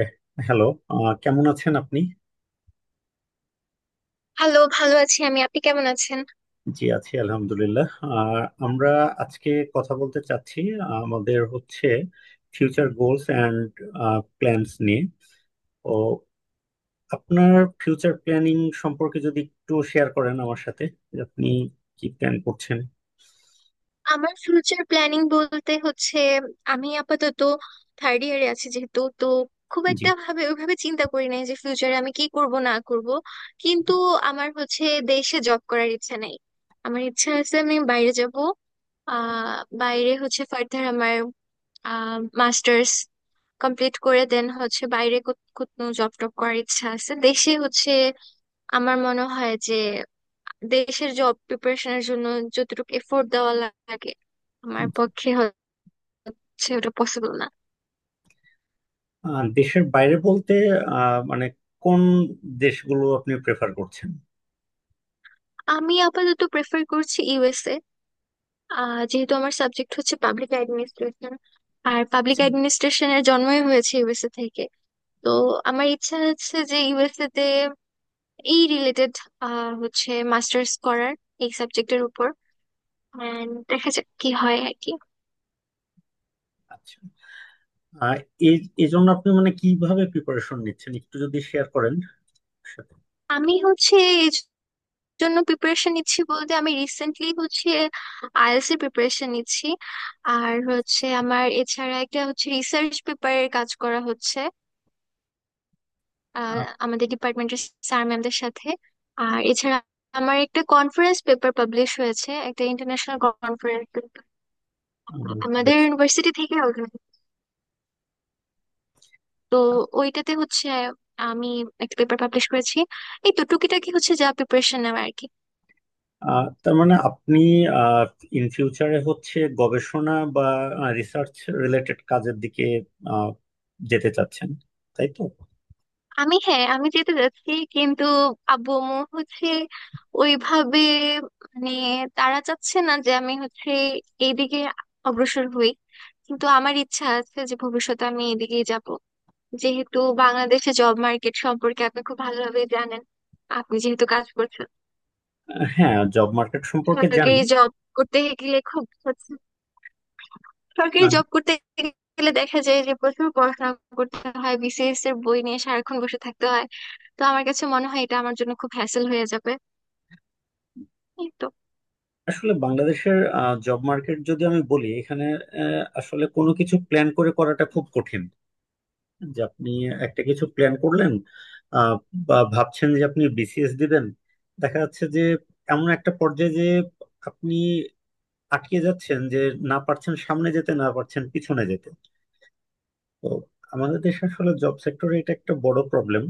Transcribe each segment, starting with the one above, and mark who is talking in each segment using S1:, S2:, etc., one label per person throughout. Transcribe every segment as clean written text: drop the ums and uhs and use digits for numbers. S1: এ, hello কেমন আছেন আপনি?
S2: হ্যালো, ভালো আছি আমি। আপনি কেমন আছেন?
S1: জি আছি আলহামদুলিল্লাহ। আর আমরা আজকে কথা বলতে চাচ্ছি আমাদের হচ্ছে ফিউচার গোলস অ্যান্ড প্ল্যানস নিয়ে। তো আপনার ফিউচার প্ল্যানিং সম্পর্কে যদি একটু শেয়ার করেন আমার সাথে যে আপনি কি প্ল্যান করছেন?
S2: আমার ফিউচার প্ল্যানিং বলতে হচ্ছে, আমি আপাতত থার্ড ইয়ারে আছি যেহেতু, তো খুব
S1: জি।
S2: একটা ভাবে ওইভাবে চিন্তা করি নাই যে ফিউচারে আমি কি করব না করব। কিন্তু আমার হচ্ছে দেশে জব করার ইচ্ছা নাই। আমার ইচ্ছা আছে আমি বাইরে যাব। আহ বাইরে হচ্ছে ফার্দার আমার মাস্টার্স কমপ্লিট করে দেন হচ্ছে বাইরে কোথাও জব টব করার ইচ্ছা আছে। দেশে হচ্ছে আমার মনে হয় যে দেশের জব প্রিপারেশনের জন্য যতটুকু এফোর্ট দেওয়া লাগে, আমার
S1: জি।
S2: পক্ষে হচ্ছে ওটা পসিবল না।
S1: দেশের বাইরে বলতে মানে কোন দেশগুলো আপনি প্রেফার করছেন?
S2: আমি আপাতত প্রেফার করছি ইউএসএ। যেহেতু আমার সাবজেক্ট হচ্ছে পাবলিক অ্যাডমিনিস্ট্রেশন, আর পাবলিক
S1: আচ্ছা
S2: অ্যাডমিনিস্ট্রেশনের জন্মই হয়েছে ইউএসএ থেকে। তো আমার ইচ্ছা আছে যে ইউএসএ তে এই রিলেটেড হচ্ছে মাস্টার্স করার এই সাবজেক্টের উপর। And দেখা যাক কি হয় আর কি।
S1: আচ্ছা। আহ, এই এই জন্য আপনি মানে কিভাবে প্রিপারেশন নিচ্ছেন একটু যদি শেয়ার করেন?
S2: আমি হচ্ছে এই জন্য প্রিপারেশন নিচ্ছি বলতে আমি রিসেন্টলি হচ্ছে আইএলটিএস এর প্রিপারেশন নিচ্ছি। আর হচ্ছে আমার এছাড়া একটা হচ্ছে রিসার্চ পেপারের কাজ করা হচ্ছে আহ, আমাদের ডিপার্টমেন্টের স্যার ম্যামদের সাথে। আর এছাড়া আমার একটা কনফারেন্স পেপার পাবলিশ হয়েছে, একটা ইন্টারন্যাশনাল কনফারেন্স আমাদের
S1: Yes.
S2: ইউনিভার্সিটি থেকে organize। তো ওইটাতে হচ্ছে আমি একটা পেপার পাবলিশ করেছি। এই তো টুকিটাকি হচ্ছে যা প্রিপারেশন নেওয়া আর কি।
S1: তার মানে আপনি ইন ফিউচারে হচ্ছে গবেষণা বা রিসার্চ রিলেটেড কাজের দিকে আহ, যেতে চাচ্ছেন, তাই তো?
S2: হ্যাঁ আমি যেতে যাচ্ছি কিন্তু আব্বু আম্মু হচ্ছে ওইভাবে মানে তারা চাচ্ছে না যে আমি হচ্ছে এইদিকে অগ্রসর হই। কিন্তু আমার ইচ্ছা আছে যে ভবিষ্যতে আমি এদিকেই যাব। যেহেতু বাংলাদেশে জব মার্কেট সম্পর্কে আপনি খুব ভালোভাবে জানেন, আপনি যেহেতু কাজ করছেন।
S1: হ্যাঁ, জব মার্কেট সম্পর্কে
S2: সরকারি
S1: জানি।
S2: জব করতে গেলে খুব সরকারি
S1: আহ,
S2: জব করতে গেলে দেখা যায় যে প্রচুর পড়াশোনা করতে হয়, বিসিএস এর বই নিয়ে সারাক্ষণ বসে থাকতে হয়। তো আমার কাছে মনে হয় এটা আমার জন্য খুব হ্যাসেল হয়ে যাবে। এই তো।
S1: আসলে বাংলাদেশের জব মার্কেট যদি আমি বলি, এখানে আসলে কোনো কিছু প্ল্যান করে করাটা খুব কঠিন। যে আপনি একটা কিছু প্ল্যান করলেন, আহ, বা ভাবছেন যে আপনি বিসিএস দিবেন, দেখা যাচ্ছে যে এমন একটা পর্যায়ে যে আপনি আটকে যাচ্ছেন যে না পারছেন সামনে যেতে, না পারছেন পিছনে যেতে। তো আমাদের দেশে আসলে জব সেক্টরে এটা একটা বড় প্রবলেম।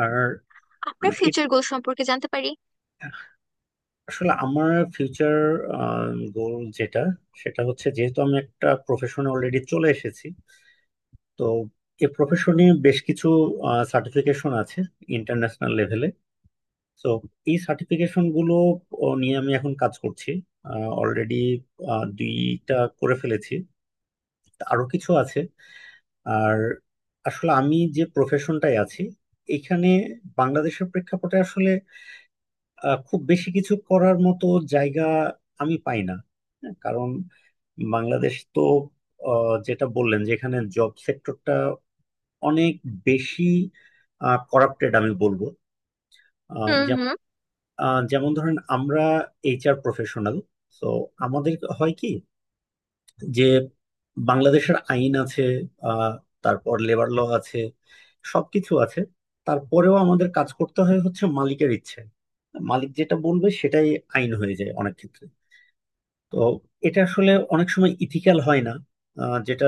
S1: আর
S2: আপনার
S1: মানে এ-
S2: ফিউচার গোল সম্পর্কে জানতে পারি?
S1: আসলে আমার ফিউচার গোল যেটা, সেটা হচ্ছে যেহেতু আমি একটা প্রফেশনে অলরেডি চলে এসেছি, তো এই প্রফেশনে বেশ কিছু সার্টিফিকেশন আছে ইন্টারন্যাশনাল লেভেলে। তো এই সার্টিফিকেশন গুলো নিয়ে আমি এখন কাজ করছি। অলরেডি 2টা করে ফেলেছি, তা আরো কিছু আছে। আর আসলে আমি যে প্রফেশনটায় আছি, এখানে বাংলাদেশের প্রেক্ষাপটে আসলে খুব বেশি কিছু করার মতো জায়গা আমি পাই না। হ্যাঁ, কারণ বাংলাদেশ তো, যেটা বললেন যে এখানে জব সেক্টরটা অনেক বেশি করাপ্টেড আমি বলবো। আহ,
S2: হুম
S1: যেম-
S2: হুম।
S1: যেমন ধরেন আমরা এইচআর প্রফেশনাল। তো আমাদের হয় কি যে বাংলাদেশের আইন আছে, আহ, তারপর লেবার ল আছে, সবকিছু আছে। তারপরেও আমাদের কাজ করতে হয় হচ্ছে মালিকের ইচ্ছে। মালিক যেটা বলবে সেটাই আইন হয়ে যায় অনেক ক্ষেত্রে। তো এটা আসলে অনেক সময় ইথিক্যাল হয় না, যেটা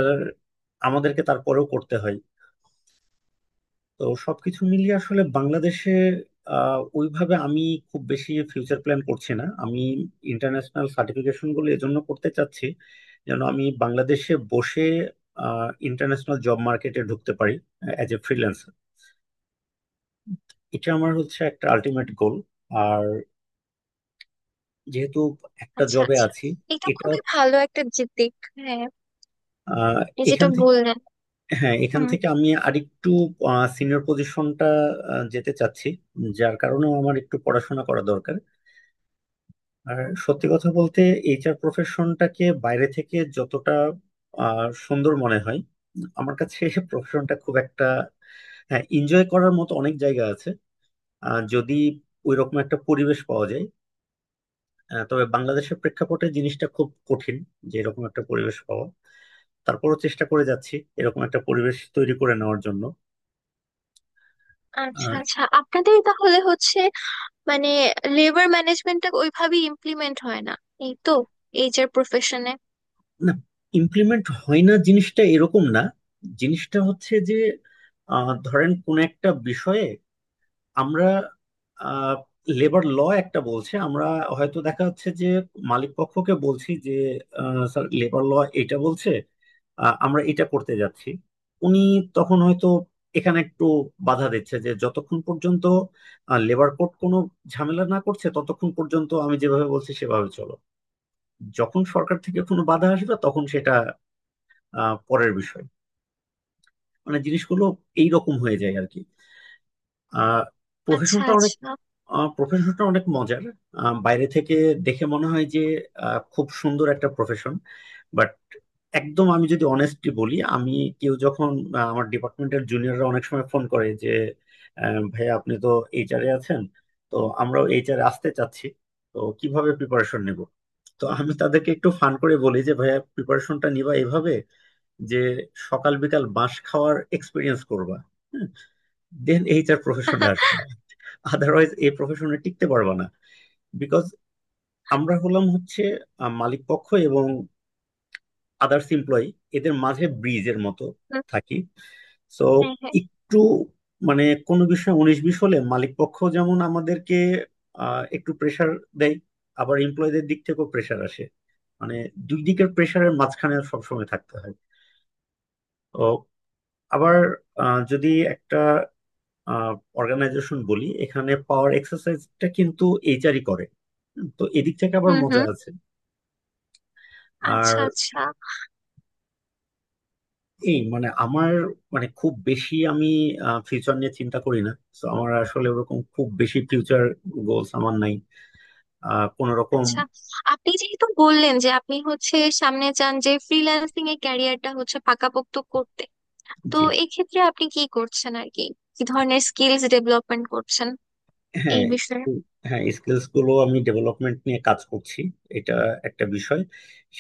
S1: আমাদেরকে তারপরেও করতে হয়। তো সবকিছু মিলিয়ে আসলে বাংলাদেশে ওইভাবে আমি খুব বেশি ফিউচার প্ল্যান করছি না। আমি ইন্টারন্যাশনাল সার্টিফিকেশন গুলো এজন্য করতে চাচ্ছি, যেন আমি বাংলাদেশে বসে ইন্টারন্যাশনাল জব মার্কেটে ঢুকতে পারি অ্যাজ এ ফ্রিল্যান্সার। এটা আমার হচ্ছে একটা আলটিমেট গোল। আর যেহেতু একটা
S2: আচ্ছা
S1: জবে
S2: আচ্ছা,
S1: আছি,
S2: এটা
S1: এটা
S2: খুবই ভালো একটা যে দিক, হ্যাঁ।
S1: আহ,
S2: এই যেটা
S1: এখান থেকে,
S2: বললেন।
S1: হ্যাঁ এখান
S2: হুম।
S1: থেকে আমি আরেকটু সিনিয়র পজিশনটা যেতে চাচ্ছি, যার কারণেও আমার একটু পড়াশোনা করা দরকার। আর সত্যি কথা বলতে, এইচআর প্রফেশনটাকে বাইরে থেকে যতটা সুন্দর মনে হয়, আমার কাছে প্রফেশনটা খুব একটা, হ্যাঁ এনজয় করার মতো অনেক জায়গা আছে যদি ওইরকম একটা পরিবেশ পাওয়া যায়। তবে বাংলাদেশের প্রেক্ষাপটে জিনিসটা খুব কঠিন যে এরকম একটা পরিবেশ পাওয়া। তারপরও চেষ্টা করে যাচ্ছি এরকম একটা পরিবেশ তৈরি করে নেওয়ার জন্য।
S2: আচ্ছা
S1: আর
S2: আচ্ছা, আপনাদের তাহলে হচ্ছে মানে লেবার ম্যানেজমেন্টটা ওইভাবেই ইমপ্লিমেন্ট হয় না, এই তো, এইচআর প্রফেশনে।
S1: না, ইমপ্লিমেন্ট হয় না জিনিসটা এরকম না। জিনিসটা হচ্ছে যে ধরেন কোন একটা বিষয়ে আমরা লেবার ল একটা বলছে, আমরা হয়তো দেখা যাচ্ছে যে মালিক পক্ষকে বলছি যে স্যার, লেবার ল এটা বলছে, আমরা এটা করতে যাচ্ছি। উনি তখন হয়তো এখানে একটু বাধা দিচ্ছে যে যতক্ষণ পর্যন্ত লেবার কোড কোনো ঝামেলা না করছে ততক্ষণ পর্যন্ত আমি যেভাবে বলছি সেভাবে চলো। যখন সরকার থেকে কোনো বাধা আসবে তখন সেটা পরের বিষয়। মানে জিনিসগুলো এইরকম হয়ে যায় আর কি। আহ
S2: আচ্ছা
S1: প্রফেশনটা
S2: আচ্ছা।
S1: প্রফেশনটা অনেক মজার। বাইরে থেকে দেখে মনে হয় যে খুব সুন্দর একটা প্রফেশন। বাট একদম আমি যদি অনেস্টলি বলি, আমি, কেউ যখন, আমার ডিপার্টমেন্টের জুনিয়ররা অনেক সময় ফোন করে যে ভাইয়া আপনি তো এইচআরে আছেন, তো আমরাও এইচআরে আসতে চাচ্ছি, তো কিভাবে প্রিপারেশন নেব? তো আমি তাদেরকে একটু ফান করে বলি যে ভাইয়া প্রিপারেশনটা নিবা এভাবে, যে সকাল বিকাল বাঁশ খাওয়ার এক্সপিরিয়েন্স করবা। হ্যাঁ? দেন এইচআর প্রফেশনে আসবা, আদারওয়াইজ এই প্রফেশনে টিকতে পারবা না। বিকজ আমরা হলাম হচ্ছে মালিক পক্ষ এবং আদার্স এমপ্লয়ি, এদের মাঝে ব্রিজের মতো
S2: হুম।
S1: থাকি। সো
S2: হ্যাঁ হ্যাঁ।
S1: একটু মানে কোনো বিষয়ে উনিশ বিশ হলে মালিক পক্ষ যেমন আমাদেরকে একটু প্রেসার দেয়, আবার এমপ্লয়ীদের দিক থেকেও প্রেসার আসে। মানে দুই দিকের প্রেসারের মাঝখানে সবসময় থাকতে হয়। তো আবার যদি একটা অর্গানাইজেশন বলি, এখানে পাওয়ার এক্সারসাইজটা কিন্তু এইচআরই করে। হুম, তো এদিক থেকে আবার
S2: হুম
S1: মজা
S2: হুম।
S1: আছে। আর
S2: আচ্ছা আচ্ছা।
S1: এই মানে আমার, মানে খুব বেশি আমি ফিউচার নিয়ে চিন্তা করি না। তো আমার আসলে ওরকম খুব বেশি ফিউচার গোলস আমার নাই আহ কোন রকম।
S2: আচ্ছা, আপনি যেহেতু বললেন যে আপনি হচ্ছে সামনে চান যে ফ্রিল্যান্সিং এর ক্যারিয়ারটা হচ্ছে পাকাপোক্ত করতে, তো এক্ষেত্রে আপনি কি করছেন আর কি, কি ধরনের স্কিলস ডেভেলপমেন্ট করছেন এই
S1: হ্যাঁ।
S2: বিষয়ে?
S1: উম, হ্যাঁ, স্কিলস গুলো আমি ডেভেলপমেন্ট নিয়ে কাজ করছি, এটা একটা বিষয়।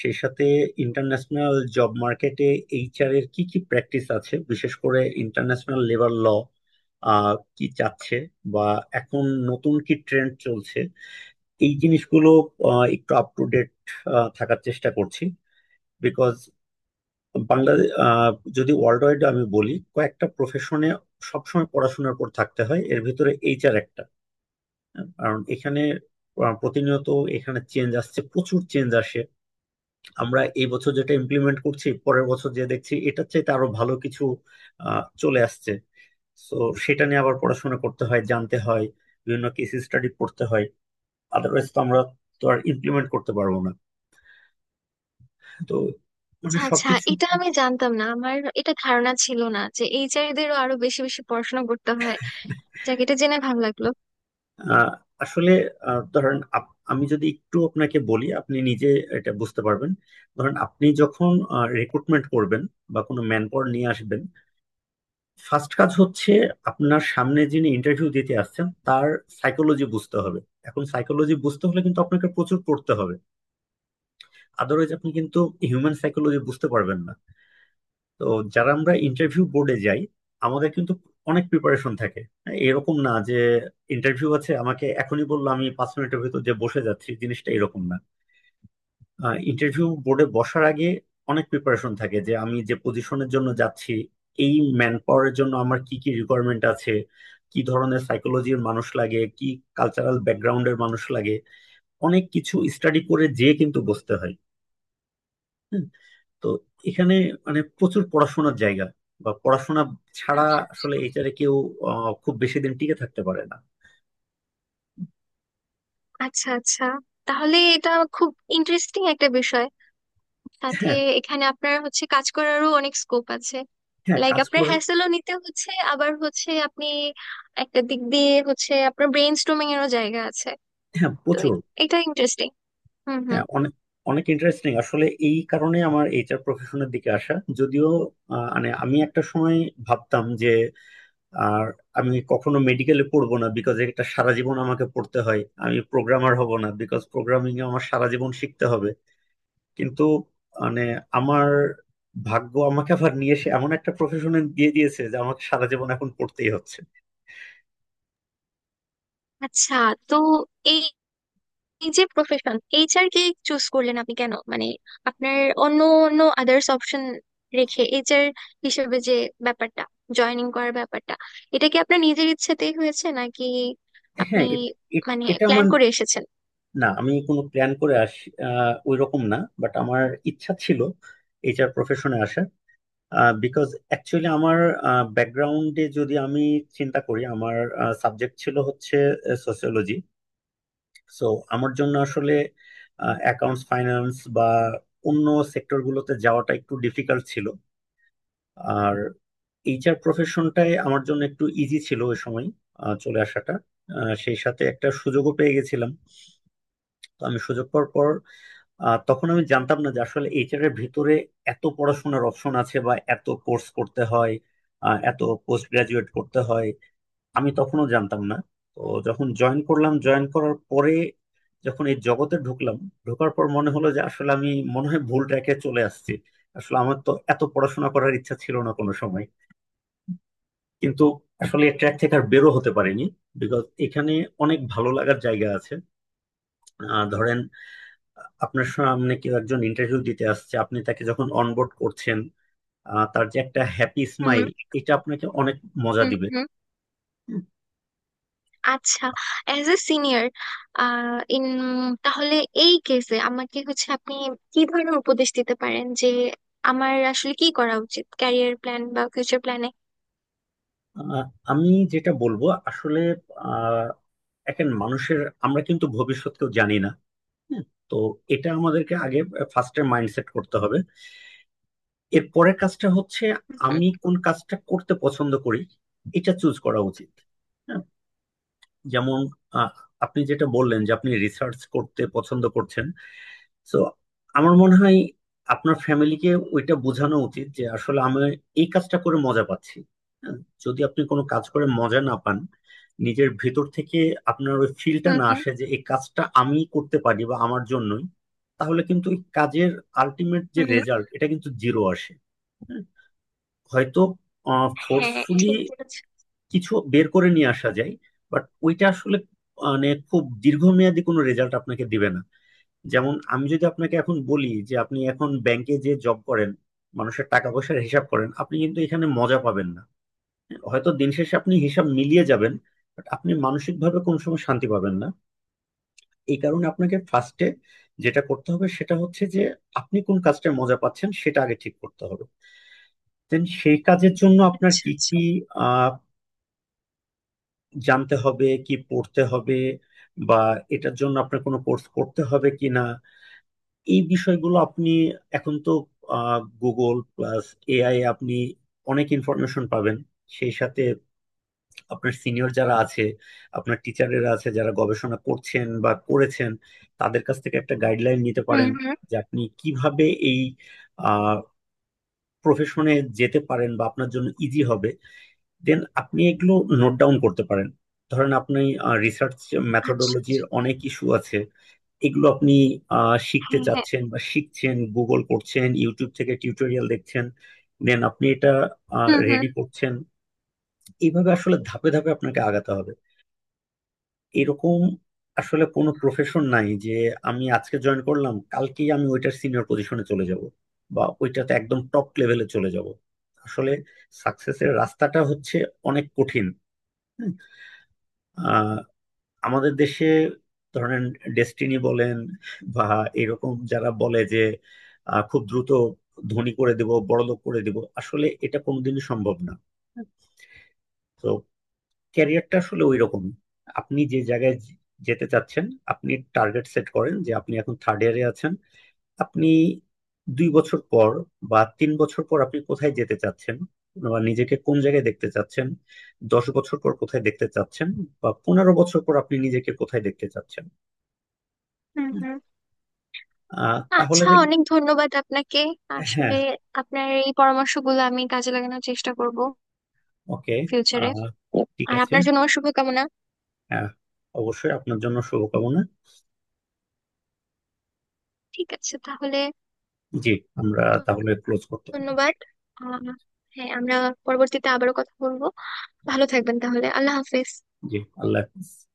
S1: সেই সাথে ইন্টারন্যাশনাল জব মার্কেটে এইচআর এর কি কি প্র্যাকটিস আছে, বিশেষ করে ইন্টারন্যাশনাল লেবার ল আহ কি চাচ্ছে, বা এখন নতুন কি ট্রেন্ড চলছে, এই জিনিসগুলো একটু আপ টু ডেট থাকার চেষ্টা করছি। বিকজ বাংলাদেশ, যদি ওয়ার্ল্ড ওয়াইড আমি বলি কয়েকটা প্রফেশনে সবসময় পড়াশোনার পর থাকতে হয়, এর ভিতরে এইচআর একটা। কারণ এখানে প্রতিনিয়ত এখানে চেঞ্জ আসছে, প্রচুর চেঞ্জ আসে। আমরা এই বছর যেটা ইমপ্লিমেন্ট করছি পরের বছর যে দেখছি এটার চাইতে আরো ভালো কিছু চলে আসছে। তো সেটা নিয়ে আবার পড়াশোনা করতে হয়, জানতে হয়, বিভিন্ন কেস স্টাডি পড়তে হয়। আদারওয়াইজ তো আমরা তো আর ইমপ্লিমেন্ট করতে পারবো না। তো মানে
S2: আচ্ছা আচ্ছা,
S1: সবকিছু
S2: এটা আমি জানতাম না। আমার এটা ধারণা ছিল না যে এইচআর দেরও আরো বেশি বেশি পড়াশোনা করতে হয়। যাক, এটা জেনে ভালো লাগলো।
S1: আহ, আসলে ধরেন আমি যদি একটু আপনাকে বলি আপনি নিজে এটা বুঝতে পারবেন। ধরেন আপনি যখন রিক্রুটমেন্ট করবেন বা কোনো ম্যান পাওয়ার নিয়ে আসবেন, ফার্স্ট কাজ হচ্ছে আপনার সামনে যিনি ইন্টারভিউ দিতে আসছেন তার সাইকোলজি বুঝতে হবে। এখন সাইকোলজি বুঝতে হলে কিন্তু আপনাকে প্রচুর পড়তে হবে, আদারওয়াইজ আপনি কিন্তু হিউম্যান সাইকোলজি বুঝতে পারবেন না। তো যারা আমরা ইন্টারভিউ বোর্ডে যাই, আমাদের কিন্তু অনেক প্রিপারেশন থাকে। এরকম না যে ইন্টারভিউ আছে আমাকে এখনই বললো, আমি 5 মিনিটের ভিতর যে বসে যাচ্ছি, জিনিসটা এরকম না। ইন্টারভিউ বোর্ডে বসার আগে অনেক প্রিপারেশন থাকে, যে আমি যে পজিশনের জন্য যাচ্ছি, এই ম্যান পাওয়ারের জন্য আমার কি কি রিকোয়ারমেন্ট আছে, কি ধরনের সাইকোলজির মানুষ লাগে, কি কালচারাল ব্যাকগ্রাউন্ডের মানুষ লাগে, অনেক কিছু স্টাডি করে যেয়ে কিন্তু বসতে হয়। হুম, তো এখানে মানে প্রচুর পড়াশোনার জায়গা, বা পড়াশোনা ছাড়া আসলে এইটারে কেউ খুব বেশি দিন টিকে থাকতে পারে না।
S2: আচ্ছা আচ্ছা, তাহলে এটা খুব ইন্টারেস্টিং একটা বিষয়। সাথে
S1: হ্যাঁ।
S2: এখানে আপনার হচ্ছে কাজ করারও অনেক স্কোপ আছে।
S1: হ্যাঁ
S2: লাইক
S1: কাজ
S2: আপনার
S1: করে।
S2: হ্যাসেলও নিতে হচ্ছে, আবার হচ্ছে আপনি একটা দিক দিয়ে হচ্ছে আপনার ব্রেন স্টর্মিং এরও জায়গা আছে।
S1: হ্যাঁ
S2: তো
S1: প্রচুর।
S2: এটা ইন্টারেস্টিং। হুম হুম।
S1: হ্যাঁ অনেক, অনেক ইন্টারেস্টিং আসলে। এই কারণে আমার এইচআর প্রফেশনের দিকে আসা, যদিও মানে আমি একটা সময় ভাবতাম যে, আর আমি কখনো মেডিকেলে পড়বো না বিকজ এটা সারা জীবন আমাকে পড়তে হয়, আমি প্রোগ্রামার হব না বিকজ প্রোগ্রামিং এ আমার সারা জীবন শিখতে হবে। কিন্তু মানে আমার ভাগ্য আমাকে আবার নিয়ে এসে এমন একটা প্রফেশনে দিয়ে দিয়েছে যে আমাকে সারা জীবন এখন পড়তেই হচ্ছে।
S2: আচ্ছা, তো এই এই যে প্রফেশন এইচআর কে চুজ করলেন আপনি কেন, মানে আপনার অন্য অন্য আদার্স অপশন রেখে এইচআর হিসেবে যে ব্যাপারটা, জয়েনিং করার ব্যাপারটা, এটা কি আপনার নিজের ইচ্ছেতেই হয়েছে নাকি আপনি মানে
S1: এটা
S2: প্ল্যান
S1: আমার,
S2: করে এসেছেন?
S1: না আমি কোনো প্ল্যান করে আসি ওই রকম না। বাট আমার ইচ্ছা ছিল এইচআর প্রফেশনে আসার। বিকজ অ্যাকচুয়ালি আমার ব্যাকগ্রাউন্ডে যদি আমি চিন্তা করি, আমার সাবজেক্ট ছিল হচ্ছে সোসিওলজি। সো আমার জন্য আসলে অ্যাকাউন্টস, ফাইন্যান্স বা অন্য সেক্টরগুলোতে যাওয়াটা একটু ডিফিকাল্ট ছিল। আর এইচআর প্রফেশনটাই আমার জন্য একটু ইজি ছিল ওই সময় চলে আসাটা। সেই সাথে একটা সুযোগও পেয়ে গেছিলাম। তো আমি সুযোগ পাওয়ার পর আহ তখন আমি জানতাম না যে আসলে এইচআর এর ভিতরে এত পড়াশোনার অপশন আছে, বা এত কোর্স করতে হয়, এত পোস্ট গ্রাজুয়েট করতে হয়। আমি তখনও জানতাম না। তো যখন জয়েন করলাম, জয়েন করার পরে যখন এই জগতে ঢুকলাম, ঢোকার পর মনে হলো যে আসলে আমি মনে হয় ভুল ট্র্যাকে চলে আসছি। আসলে আমার তো এত পড়াশোনা করার ইচ্ছা ছিল না কোনো সময়। কিন্তু আসলে ট্র্যাক থেকে আর বেরো হতে পারিনি, বিকজ এখানে অনেক ভালো লাগার জায়গা আছে। ধরেন আপনার সামনে কেউ একজন ইন্টারভিউ দিতে আসছে, আপনি তাকে যখন অনবোর্ড করছেন, তার যে একটা হ্যাপি
S2: হুম
S1: স্মাইল, এটা আপনাকে অনেক মজা
S2: হুম
S1: দিবে।
S2: হুম। আচ্ছা, অ্যাজ এ সিনিয়র ইন, তাহলে এই কেসে আমাকে হচ্ছে আপনি কি ধরনের উপদেশ দিতে পারেন যে আমার আসলে কি করা উচিত ক্যারিয়ার প্ল্যান বা ফিউচার প্ল্যানে?
S1: আহ, আমি যেটা বলবো আসলে আহ, এখন মানুষের, আমরা কিন্তু ভবিষ্যৎ কেউ জানি না। হুম, তো এটা আমাদেরকে আগে ফার্স্টে মাইন্ডসেট করতে হবে। এর পরের কাজটা হচ্ছে
S2: হুম
S1: আমি কোন কাজটা করতে পছন্দ করি, এটা চুজ করা উচিত। হ্যাঁ, যেমন আহ, আপনি যেটা বললেন যে আপনি রিসার্চ করতে পছন্দ করছেন, সো আমার মনে হয় আপনার ফ্যামিলিকে ওইটা বোঝানো উচিত যে আসলে আমি এই কাজটা করে মজা পাচ্ছি। হ্যাঁ, যদি আপনি কোনো কাজ করে মজা না পান, নিজের ভেতর থেকে আপনার ওই ফিলটা
S2: হুম।
S1: না
S2: হুম
S1: আসে যে এই কাজটা আমি করতে পারি বা আমার জন্যই, তাহলে কিন্তু ওই কাজের আলটিমেট যে
S2: হুম।
S1: রেজাল্ট, এটা কিন্তু জিরো আসে। হ্যাঁ, হয়তো
S2: হ্যাঁ,
S1: ফোর্সফুলি
S2: ঠিক বলেছেন।
S1: কিছু বের করে নিয়ে আসা যায়, বাট ওইটা আসলে মানে খুব দীর্ঘমেয়াদী কোনো রেজাল্ট আপনাকে দিবে না। যেমন আমি যদি আপনাকে এখন বলি যে আপনি এখন ব্যাংকে যে জব করেন, মানুষের টাকা পয়সার হিসাব করেন, আপনি কিন্তু এখানে মজা পাবেন না। হয়তো দিন শেষে আপনি হিসাব মিলিয়ে যাবেন, বাট আপনি মানসিকভাবে কোনো সময় শান্তি পাবেন না। এই কারণে আপনাকে ফার্স্টে যেটা করতে হবে সেটা হচ্ছে যে আপনি কোন কাজটায় মজা পাচ্ছেন সেটা আগে ঠিক করতে হবে। দেন সেই কাজের জন্য আপনার
S2: আচ্ছা
S1: কি
S2: আচ্ছা।
S1: কি আহ জানতে হবে, কি পড়তে হবে, বা এটার জন্য আপনার কোনো কোর্স করতে হবে কিনা, এই বিষয়গুলো আপনি এখন তো গুগল প্লাস এআই, আপনি অনেক ইনফরমেশন পাবেন। সেই সাথে আপনার সিনিয়র যারা আছে, আপনার টিচারেরা আছে যারা গবেষণা করছেন বা করেছেন, তাদের কাছ থেকে একটা গাইডলাইন নিতে
S2: হুম
S1: পারেন
S2: হুম।
S1: যে আপনি কিভাবে এই প্রফেশনে যেতে পারেন বা আপনার জন্য ইজি হবে। দেন আপনি এগুলো নোট ডাউন করতে পারেন। ধরেন আপনি রিসার্চ
S2: আচ্ছা।
S1: মেথোডোলজির অনেক ইস্যু আছে, এগুলো আপনি শিখতে
S2: হ্যাঁ হ্যাঁ।
S1: চাচ্ছেন বা শিখছেন, গুগল করছেন, ইউটিউব থেকে টিউটোরিয়াল দেখছেন, দেন আপনি এটা
S2: হুম হুম।
S1: রেডি করছেন। এইভাবে আসলে ধাপে ধাপে আপনাকে আগাতে হবে। এরকম আসলে কোনো প্রফেশন নাই যে আমি আজকে জয়েন করলাম কালকেই আমি ওইটার সিনিয়র পজিশনে চলে যাব, বা ওইটাতে একদম টপ লেভেলে চলে যাব। আসলে সাকসেসের রাস্তাটা হচ্ছে অনেক কঠিন। হ্যাঁ। আহ আমাদের দেশে ধরেন ডেস্টিনি বলেন বা এরকম যারা বলে যে খুব দ্রুত ধনী করে দিব, বড়লোক করে দিব, আসলে এটা কোনোদিনই সম্ভব না। তো ক্যারিয়ারটা আসলে ওই রকম আপনি যে জায়গায় যেতে চাচ্ছেন, আপনি টার্গেট সেট করেন যে আপনি এখন থার্ড ইয়ারে আছেন, আপনি 2 বছর পর বা 3 বছর পর আপনি কোথায় যেতে চাচ্ছেন, বা নিজেকে কোন জায়গায় দেখতে চাচ্ছেন, 10 বছর পর কোথায় দেখতে চাচ্ছেন, বা 15 বছর পর আপনি নিজেকে কোথায় দেখতে চাচ্ছেন,
S2: হুম হুম।
S1: আহ, তাহলে
S2: আচ্ছা,
S1: দেখ-
S2: অনেক ধন্যবাদ আপনাকে।
S1: হ্যাঁ।
S2: আসলে আপনার এই পরামর্শগুলো আমি কাজে লাগানোর চেষ্টা করব
S1: ওকে।
S2: ফিউচারে।
S1: আহ, ঠিক
S2: আর
S1: আছে।
S2: আপনার জন্য শুভকামনা।
S1: হ্যাঁ, অবশ্যই আপনার জন্য শুভকামনা।
S2: ঠিক আছে তাহলে।
S1: জি, আমরা তাহলে ক্লোজ করতে পারি।
S2: ধন্যবাদ। আহ হ্যাঁ, আমরা পরবর্তীতে আবারও কথা বলবো। ভালো থাকবেন তাহলে। আল্লাহ হাফেজ।
S1: জি, আল্লাহ হাফিজ।